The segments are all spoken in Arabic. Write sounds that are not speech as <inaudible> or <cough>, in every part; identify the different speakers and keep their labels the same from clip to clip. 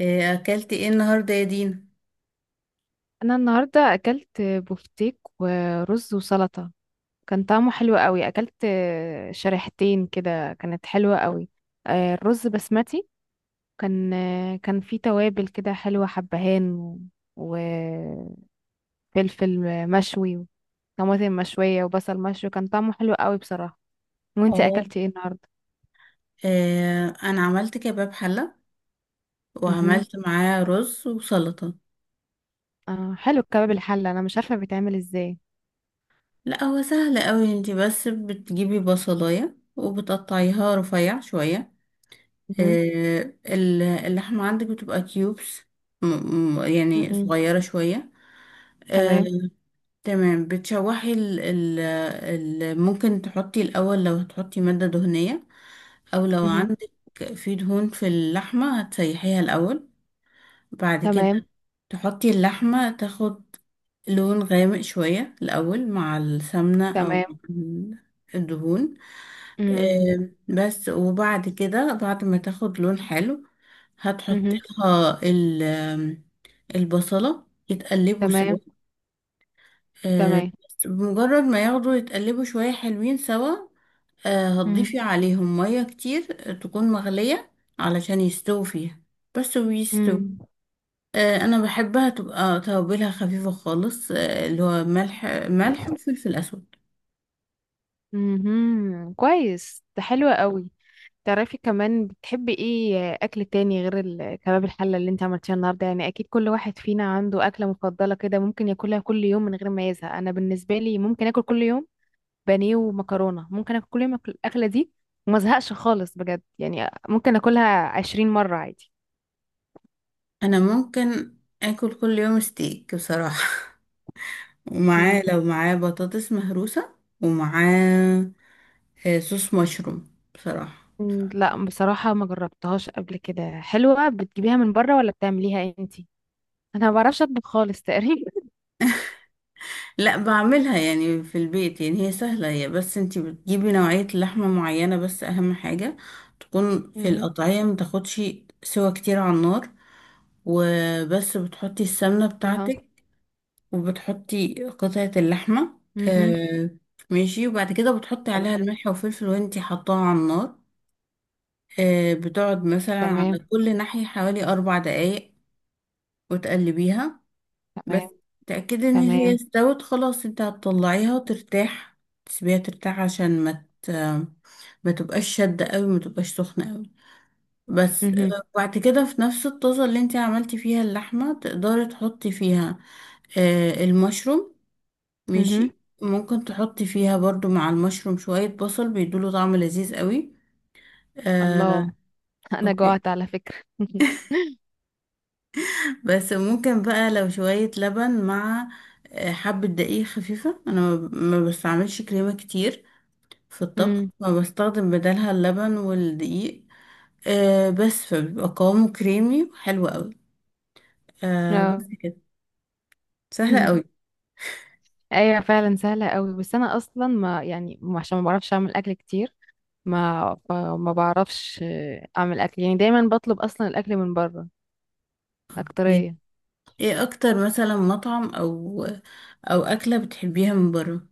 Speaker 1: اكلت ايه النهارده يا دينا؟
Speaker 2: انا النهارده اكلت بفتيك ورز وسلطه. كان طعمه حلو قوي، اكلت شريحتين كده، كانت حلوه قوي. الرز بسمتي، كان كان فيه توابل كده حلوه، حبهان وفلفل مشوي وطماطم مشويه وبصل مشوي، كان طعمه حلو قوي بصراحه. وانتي
Speaker 1: اه.
Speaker 2: اكلتي ايه النهارده؟
Speaker 1: انا عملت كباب حله،
Speaker 2: امم.
Speaker 1: وعملت معاه رز وسلطه.
Speaker 2: اه، حلو الكباب الحله، انا مش عارفه بيتعمل ازاي.
Speaker 1: لا، هو سهل قوي، انتي بس بتجيبي بصلايه وبتقطعيها رفيع شويه.
Speaker 2: مهم.
Speaker 1: اللحمه عندك بتبقى كيوبس، م- يعني
Speaker 2: مم.
Speaker 1: صغيره شويه. آه،
Speaker 2: تمام.
Speaker 1: تمام، بتشوحي ال ممكن تحطي الاول لو هتحطي ماده دهنيه، او لو
Speaker 2: مهم.
Speaker 1: عندك في دهون في اللحمه هتسيحيها الاول. بعد كده
Speaker 2: تمام.
Speaker 1: تحطي اللحمة تاخد لون غامق شوية الأول مع السمنة أو
Speaker 2: تمام.
Speaker 1: ال- الدهون.
Speaker 2: مم.
Speaker 1: بس وبعد كده بعد ما تاخد لون حلو هتحطي
Speaker 2: مهم.
Speaker 1: لها ال- آم، البصلة يتقلبوا سوا.
Speaker 2: تمام. تمام.
Speaker 1: بس بمجرد ما ياخدوا يتقلبوا شوية حلوين سوا،
Speaker 2: امم،
Speaker 1: هتضيفي عليهم مية كتير تكون مغلية علشان يستووا فيها، بس ويستووا.
Speaker 2: امم،
Speaker 1: انا بحبها تبقى توابلها خفيفه خالص، اللي هو ملح ملح وفلفل اسود.
Speaker 2: امم، كويس، ده حلو قوي. تعرفي كمان بتحبي ايه اكل تاني غير الكباب الحله اللي انت عملتيها النهارده؟ يعني اكيد كل واحد فينا عنده اكله مفضله كده، ممكن ياكلها كل يوم من غير ما يزهق. انا بالنسبه لي ممكن اكل كل يوم بانيه ومكرونه، ممكن اكل كل يوم، الاكله دي، وما ازهقش خالص بجد، يعني ممكن اكلها 20 مره عادي.
Speaker 1: انا ممكن اكل كل يوم ستيك بصراحه. <laughs>
Speaker 2: مم.
Speaker 1: لو معاه بطاطس مهروسه، ومعاه صوص مشروم بصراحه.
Speaker 2: مم، لا بصراحه ما جربتهاش قبل كده، حلوه؟ بتجيبيها من بره ولا بتعمليها انتي؟ انا ما بعرفش اطبخ خالص تقريبا.
Speaker 1: لا، بعملها يعني في البيت، يعني هي سهله، هي بس انتي بتجيبي نوعيه لحمه معينه، بس اهم حاجه تكون
Speaker 2: مهم.
Speaker 1: القطعيه متاخدش سوا كتير على النار، وبس بتحطي السمنه
Speaker 2: اهو.
Speaker 1: بتاعتك، وبتحطي قطعة اللحمة.
Speaker 2: مهم.
Speaker 1: آه ماشي، وبعد كده بتحطي عليها
Speaker 2: تمام.
Speaker 1: الملح والفلفل وانتي حطاها على النار. بتقعد مثلا على
Speaker 2: تمام.
Speaker 1: كل ناحية حوالي 4 دقايق، وتقلبيها بس.
Speaker 2: تمام.
Speaker 1: تأكدي إن هي
Speaker 2: تمام.
Speaker 1: استوت خلاص، انتي هتطلعيها وترتاح. تسيبيها ترتاح عشان ما تبقاش شدة قوي، ما تبقاش سخنة قوي. بس
Speaker 2: مهم.
Speaker 1: وبعد كده في نفس الطاسة اللي انتي عملتي فيها اللحمة تقدري تحطي فيها المشروم.
Speaker 2: مهم.
Speaker 1: ماشي، ممكن تحطي فيها برضو مع المشروم شوية بصل بيدوله طعم لذيذ قوي. آه،
Speaker 2: الله. <laughs> انا
Speaker 1: أوكي.
Speaker 2: جوعت على فكرة. <laughs>
Speaker 1: بس ممكن بقى لو شوية لبن مع حبة دقيق خفيفة. أنا ما بستعملش كريمة كتير في الطبخ،
Speaker 2: مم.
Speaker 1: فبستخدم بدلها اللبن والدقيق. بس فبيبقى قوامه كريمي وحلو قوي. بس
Speaker 2: اه.
Speaker 1: كده، سهلة
Speaker 2: مم.
Speaker 1: قوي.
Speaker 2: ايوه فعلا سهلة قوي، بس انا اصلا ما يعني عشان ما بعرفش اعمل اكل كتير، ما بعرفش، اعمل اكل يعني، دايما بطلب اصلا الاكل من بره
Speaker 1: ايه؟
Speaker 2: اكترية.
Speaker 1: إيه اكتر، مثلا مطعم او اكلة بتحبيها من بره؟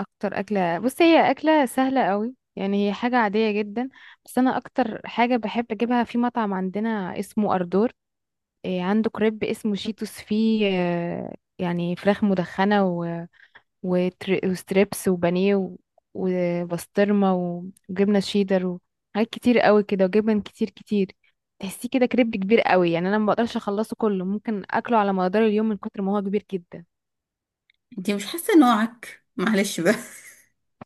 Speaker 2: اكتر اكلة، بصي، هي اكلة سهلة قوي يعني، هي حاجة عادية جدا، بس انا اكتر حاجة بحب اجيبها في مطعم عندنا اسمه اردور. إيه، عنده كريب اسمه شيتوس فيه، يعني فراخ مدخنة وستريبس وبانيه وبسطرمة وجبنة شيدر وحاجات كتير قوي كده، وجبن كتير كتير. تحسيه كده كريب كبير قوي يعني، انا ما بقدرش اخلصه كله، ممكن اكله على مدار اليوم من كتر ما هو كبير جدا.
Speaker 1: انتي مش حاسة نوعك؟ معلش بقى.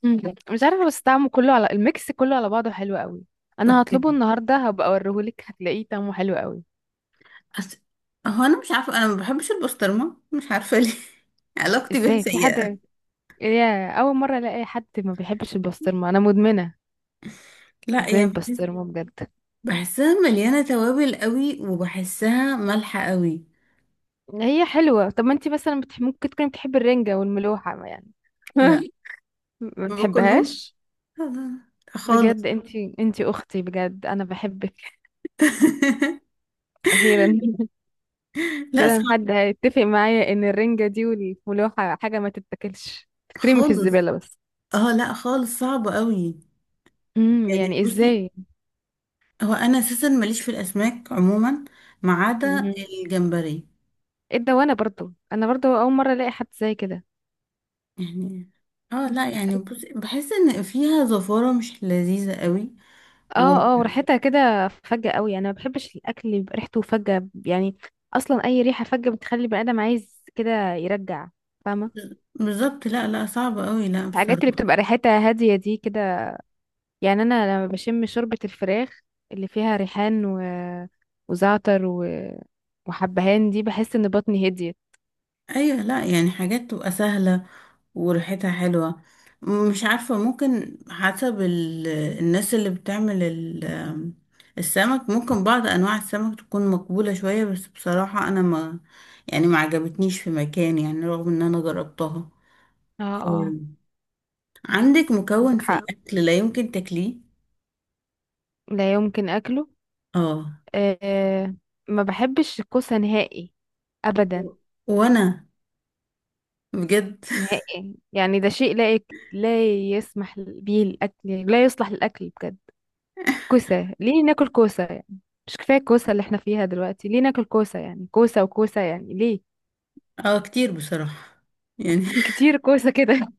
Speaker 2: مم. مش عارفة، بس طعمه كله على الميكس، كله على بعضه حلو قوي. انا
Speaker 1: اوكي.
Speaker 2: هطلبه النهارده، هبقى اوريهولك، هتلاقيه طعمه حلو قوي.
Speaker 1: أس... هو انا مش عارفه، انا ما بحبش البسطرمه، مش عارفه ليه. <laughs> علاقتي بيها
Speaker 2: ازاي في حد،
Speaker 1: سيئه.
Speaker 2: يا اول مرة الاقي حد ما بيحبش البسطرمة، انا مدمنة
Speaker 1: لا،
Speaker 2: بنت بسطرمة بجد.
Speaker 1: بحسها مليانه توابل قوي، وبحسها مالحه قوي.
Speaker 2: هي حلوة، طب ما انتي مثلا ممكن تكوني بتحبي الرنجة والملوحة، ما يعني.
Speaker 1: لا،
Speaker 2: <laughs> ما
Speaker 1: ما باكلهمش.
Speaker 2: بتحبهاش.
Speaker 1: لا، لا، لا،
Speaker 2: بجد،
Speaker 1: خالص.
Speaker 2: انتي اختي بجد، انا بحبك.
Speaker 1: <laughs>
Speaker 2: اخيرا. <laughs>
Speaker 1: لا،
Speaker 2: اخيرا
Speaker 1: صعب
Speaker 2: حد هيتفق معايا ان الرنجة دي والملوحة حاجة ما تتاكلش، تترمي في
Speaker 1: خالص.
Speaker 2: الزبالة بس.
Speaker 1: اه، لا، خالص صعب قوي.
Speaker 2: امم،
Speaker 1: يعني،
Speaker 2: يعني
Speaker 1: بصي،
Speaker 2: ازاي؟
Speaker 1: هو انا اساسا ماليش في الاسماك عموما، ما عدا
Speaker 2: مهم.
Speaker 1: الجمبري.
Speaker 2: ايه ده، وانا برضو، انا برضو اول مرة الاقي حد زي كده.
Speaker 1: يعني اه، لا
Speaker 2: <laughs>
Speaker 1: يعني، بصي بحس ان فيها زفاره مش لذيذه قوي.
Speaker 2: اه اه، وريحتها كده فجة قوي، انا ما بحبش الاكل اللي بيبقى ريحته فجة يعني. اصلا اي ريحة فجة بتخلي البني ادم عايز كده يرجع، فاهمة؟
Speaker 1: بالظبط، لا، لا، صعبة قوي، لا
Speaker 2: الحاجات اللي
Speaker 1: بصراحة.
Speaker 2: بتبقى ريحتها هادية دي كده، يعني انا لما بشم شوربة الفراخ اللي فيها ريحان وزعتر وحبهان دي، بحس ان بطني هديت.
Speaker 1: ايوه، لا يعني حاجات تبقى سهلة وريحتها حلوة. مش عارفة، ممكن حسب الناس اللي بتعمل السمك، ممكن بعض انواع السمك تكون مقبولة شوية، بس بصراحة انا ما يعني ما عجبتنيش في مكان، يعني رغم ان انا جربتها.
Speaker 2: اه اه.
Speaker 1: أمم. عندك مكون
Speaker 2: عندك
Speaker 1: في
Speaker 2: حق،
Speaker 1: الاكل لا يمكن تاكليه؟
Speaker 2: لا يمكن اكله.
Speaker 1: اه.
Speaker 2: أه، ما بحبش الكوسة نهائي ابدا.
Speaker 1: و- وانا بجد.
Speaker 2: نهائي يعني، ده شيء لا يسمح به الأكل، يعني لا يصلح للأكل بجد. كوسة، ليه ناكل كوسة يعني؟ مش كفاية الكوسة اللي احنا فيها دلوقتي، ليه ناكل كوسة يعني؟ كوسة وكوسة، يعني ليه؟
Speaker 1: <laughs> اه، كتير بصراحة يعني.
Speaker 2: كتير كوسة كده. <laughs>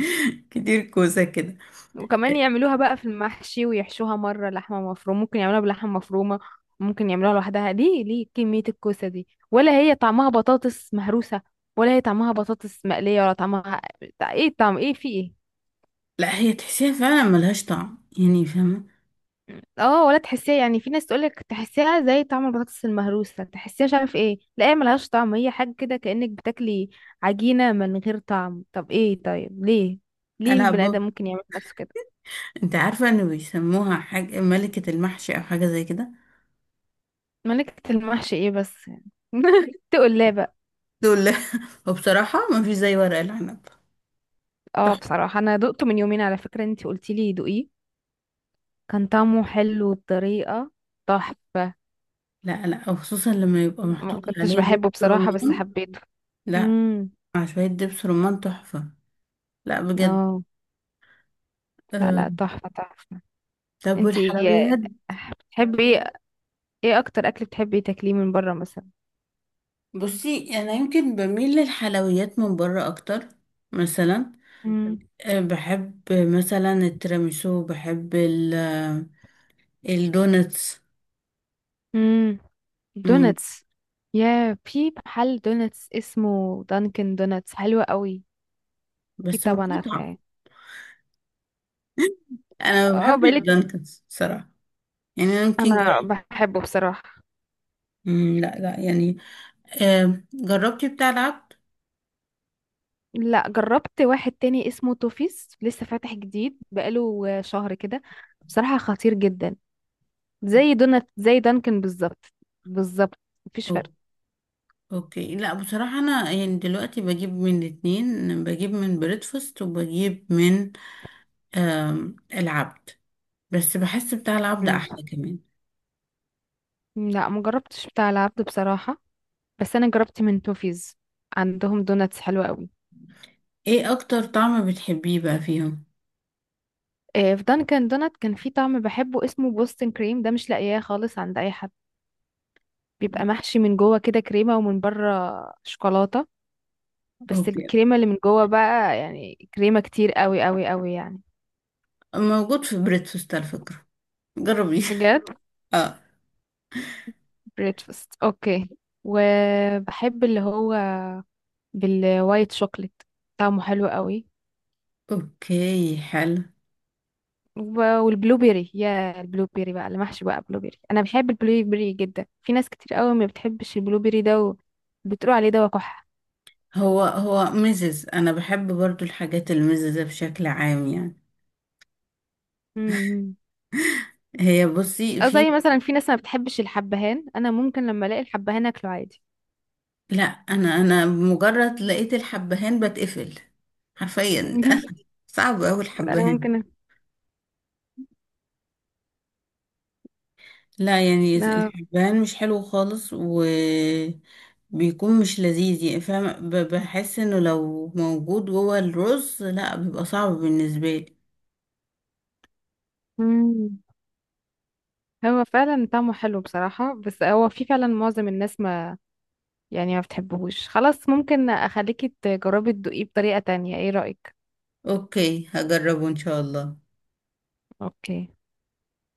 Speaker 1: <laughs> كتير كوسة كده.
Speaker 2: وكمان يعملوها بقى في المحشي، ويحشوها مرة لحمة مفرومة، ممكن يعملوها بلحمة مفرومة، ممكن يعملوها لوحدها، ليه؟ ليه كمية الكوسة دي؟ ولا هي طعمها بطاطس مهروسة، ولا هي طعمها بطاطس مقلية، ولا طعمها ايه؟ طعم ايه؟ في ايه؟
Speaker 1: لا، هي تحسيها فعلا ملهاش طعم، يعني فاهمة؟
Speaker 2: اه، ولا تحسيها يعني، في ناس تقولك تحسيها زي طعم البطاطس المهروسة، تحسيها مش عارف ايه، لا هي ملهاش طعم، هي حاجة كده كأنك بتاكلي عجينة من غير طعم. طب ايه؟ طيب ليه؟ ليه
Speaker 1: أنا
Speaker 2: البني آدم
Speaker 1: أبو.
Speaker 2: ممكن يعمل في نفسه كده؟
Speaker 1: أنت عارفة إنه بيسموها حاجة ملكة المحشي، أو حاجة زي كده؟
Speaker 2: ملكة المحشي ايه بس يعني؟ <laughs> تقول لا بقى.
Speaker 1: دول، لا. <laughs> وبصراحة ما فيش زي ورق العنب.
Speaker 2: اه،
Speaker 1: صح.
Speaker 2: بصراحة انا دقته من يومين على فكرة، انتي قلتيلي دوقيه، كان طعمه حلو بطريقة تحفة.
Speaker 1: لا، لا، وخصوصا لما يبقى محطوط
Speaker 2: ما كنتش
Speaker 1: عليه دبس
Speaker 2: بحبه بصراحة، بس
Speaker 1: رمان.
Speaker 2: حبيته.
Speaker 1: لا،
Speaker 2: امم.
Speaker 1: مع شوية دبس رمان تحفة. لا بجد.
Speaker 2: اه، لا
Speaker 1: أه.
Speaker 2: لا، تحفة تحفة.
Speaker 1: طب،
Speaker 2: انتي
Speaker 1: والحلويات؟
Speaker 2: بتحبي ايه؟ ايه اكتر اكل بتحبي تاكليه من بره مثلا؟
Speaker 1: بصي، أنا يمكن بميل للحلويات من بره أكتر. مثلا
Speaker 2: امم.
Speaker 1: أه، بحب مثلا التيراميسو، بحب الدونتس.
Speaker 2: امم.
Speaker 1: امم
Speaker 2: دوناتس. يا، في محل دوناتس اسمه دانكن دوناتس حلو قوي. اكيد
Speaker 1: بس
Speaker 2: طبعا
Speaker 1: مقاطعة.
Speaker 2: عارفاه.
Speaker 1: انا
Speaker 2: اه،
Speaker 1: بحب
Speaker 2: بقالك،
Speaker 1: الدانكنز بصراحة. يعني انا يمكن
Speaker 2: انا
Speaker 1: جربت.
Speaker 2: بحبه بصراحة.
Speaker 1: لا، لا، يعني، جربتي بتاع العبد؟
Speaker 2: لا، جربت واحد تاني اسمه توفيس، لسه فاتح جديد بقاله شهر كده، بصراحة خطير جدا، زي دونات زي دانكن بالظبط، بالظبط، مفيش فرق.
Speaker 1: أو- اوكي، لا بصراحة، انا يعني دلوقتي بجيب من الاتنين، بجيب من بريدفاست، وبجيب من العبد، بس بحس بتاع العبد
Speaker 2: امم.
Speaker 1: احلى كمان.
Speaker 2: لا، مجربتش بتاع العبد بصراحة، بس انا جربت من توفيز، عندهم دوناتس حلوة قوي.
Speaker 1: ايه اكتر طعم بتحبيه بقى فيهم؟
Speaker 2: في دانكن دونات كان في طعم بحبه اسمه بوستن كريم، ده مش لاقياه خالص عند اي حد. بيبقى محشي من جوه كده كريمه، ومن بره شوكولاته، بس
Speaker 1: اوكي،
Speaker 2: الكريمه اللي من جوه بقى، يعني كريمه كتير قوي قوي قوي يعني.
Speaker 1: موجود في بريدفاست على فكرة، جربي.
Speaker 2: بجد.
Speaker 1: <laughs> اه.
Speaker 2: بريتفاست، اوكي. وبحب اللي هو بالوايت شوكليت، طعمه حلو قوي.
Speaker 1: اوكي، حلو.
Speaker 2: والبلو بيري، يا البلو بيري بقى، اللي محشي بقى بلو بيري، انا بحب البلو بيري جدا، في ناس كتير قوي ما بتحبش البلو بيري ده، وبتقول عليه ده وقح.
Speaker 1: هو ميزز، انا بحب برضو الحاجات الميززة بشكل عام يعني. هي بصي
Speaker 2: أو
Speaker 1: في.
Speaker 2: زي مثلا في ناس ما بتحبش الحبهان، أنا ممكن لما ألاقي الحبهان أكله عادي.
Speaker 1: لا، انا مجرد لقيت الحبهان بتقفل حرفيا.
Speaker 2: <laughs>
Speaker 1: <laughs> صعب اوي
Speaker 2: أنا
Speaker 1: الحبهان.
Speaker 2: ممكن.
Speaker 1: لا يعني،
Speaker 2: آه.
Speaker 1: الحبهان مش حلو خالص، وبيكون مش لذيذ يعني، فاهم؟ بحس انه لو موجود جوه الرز، لا بيبقى صعب بالنسبة لي.
Speaker 2: مم. هو فعلا طعمه حلو بصراحة، بس هو في فعلا معظم الناس ما يعني ما بتحبهوش خلاص، ممكن أخليكي تجربي تدوقيه بطريقة تانية، إيه رأيك؟
Speaker 1: اوكي، هجربه ان شاء الله.
Speaker 2: أوكي.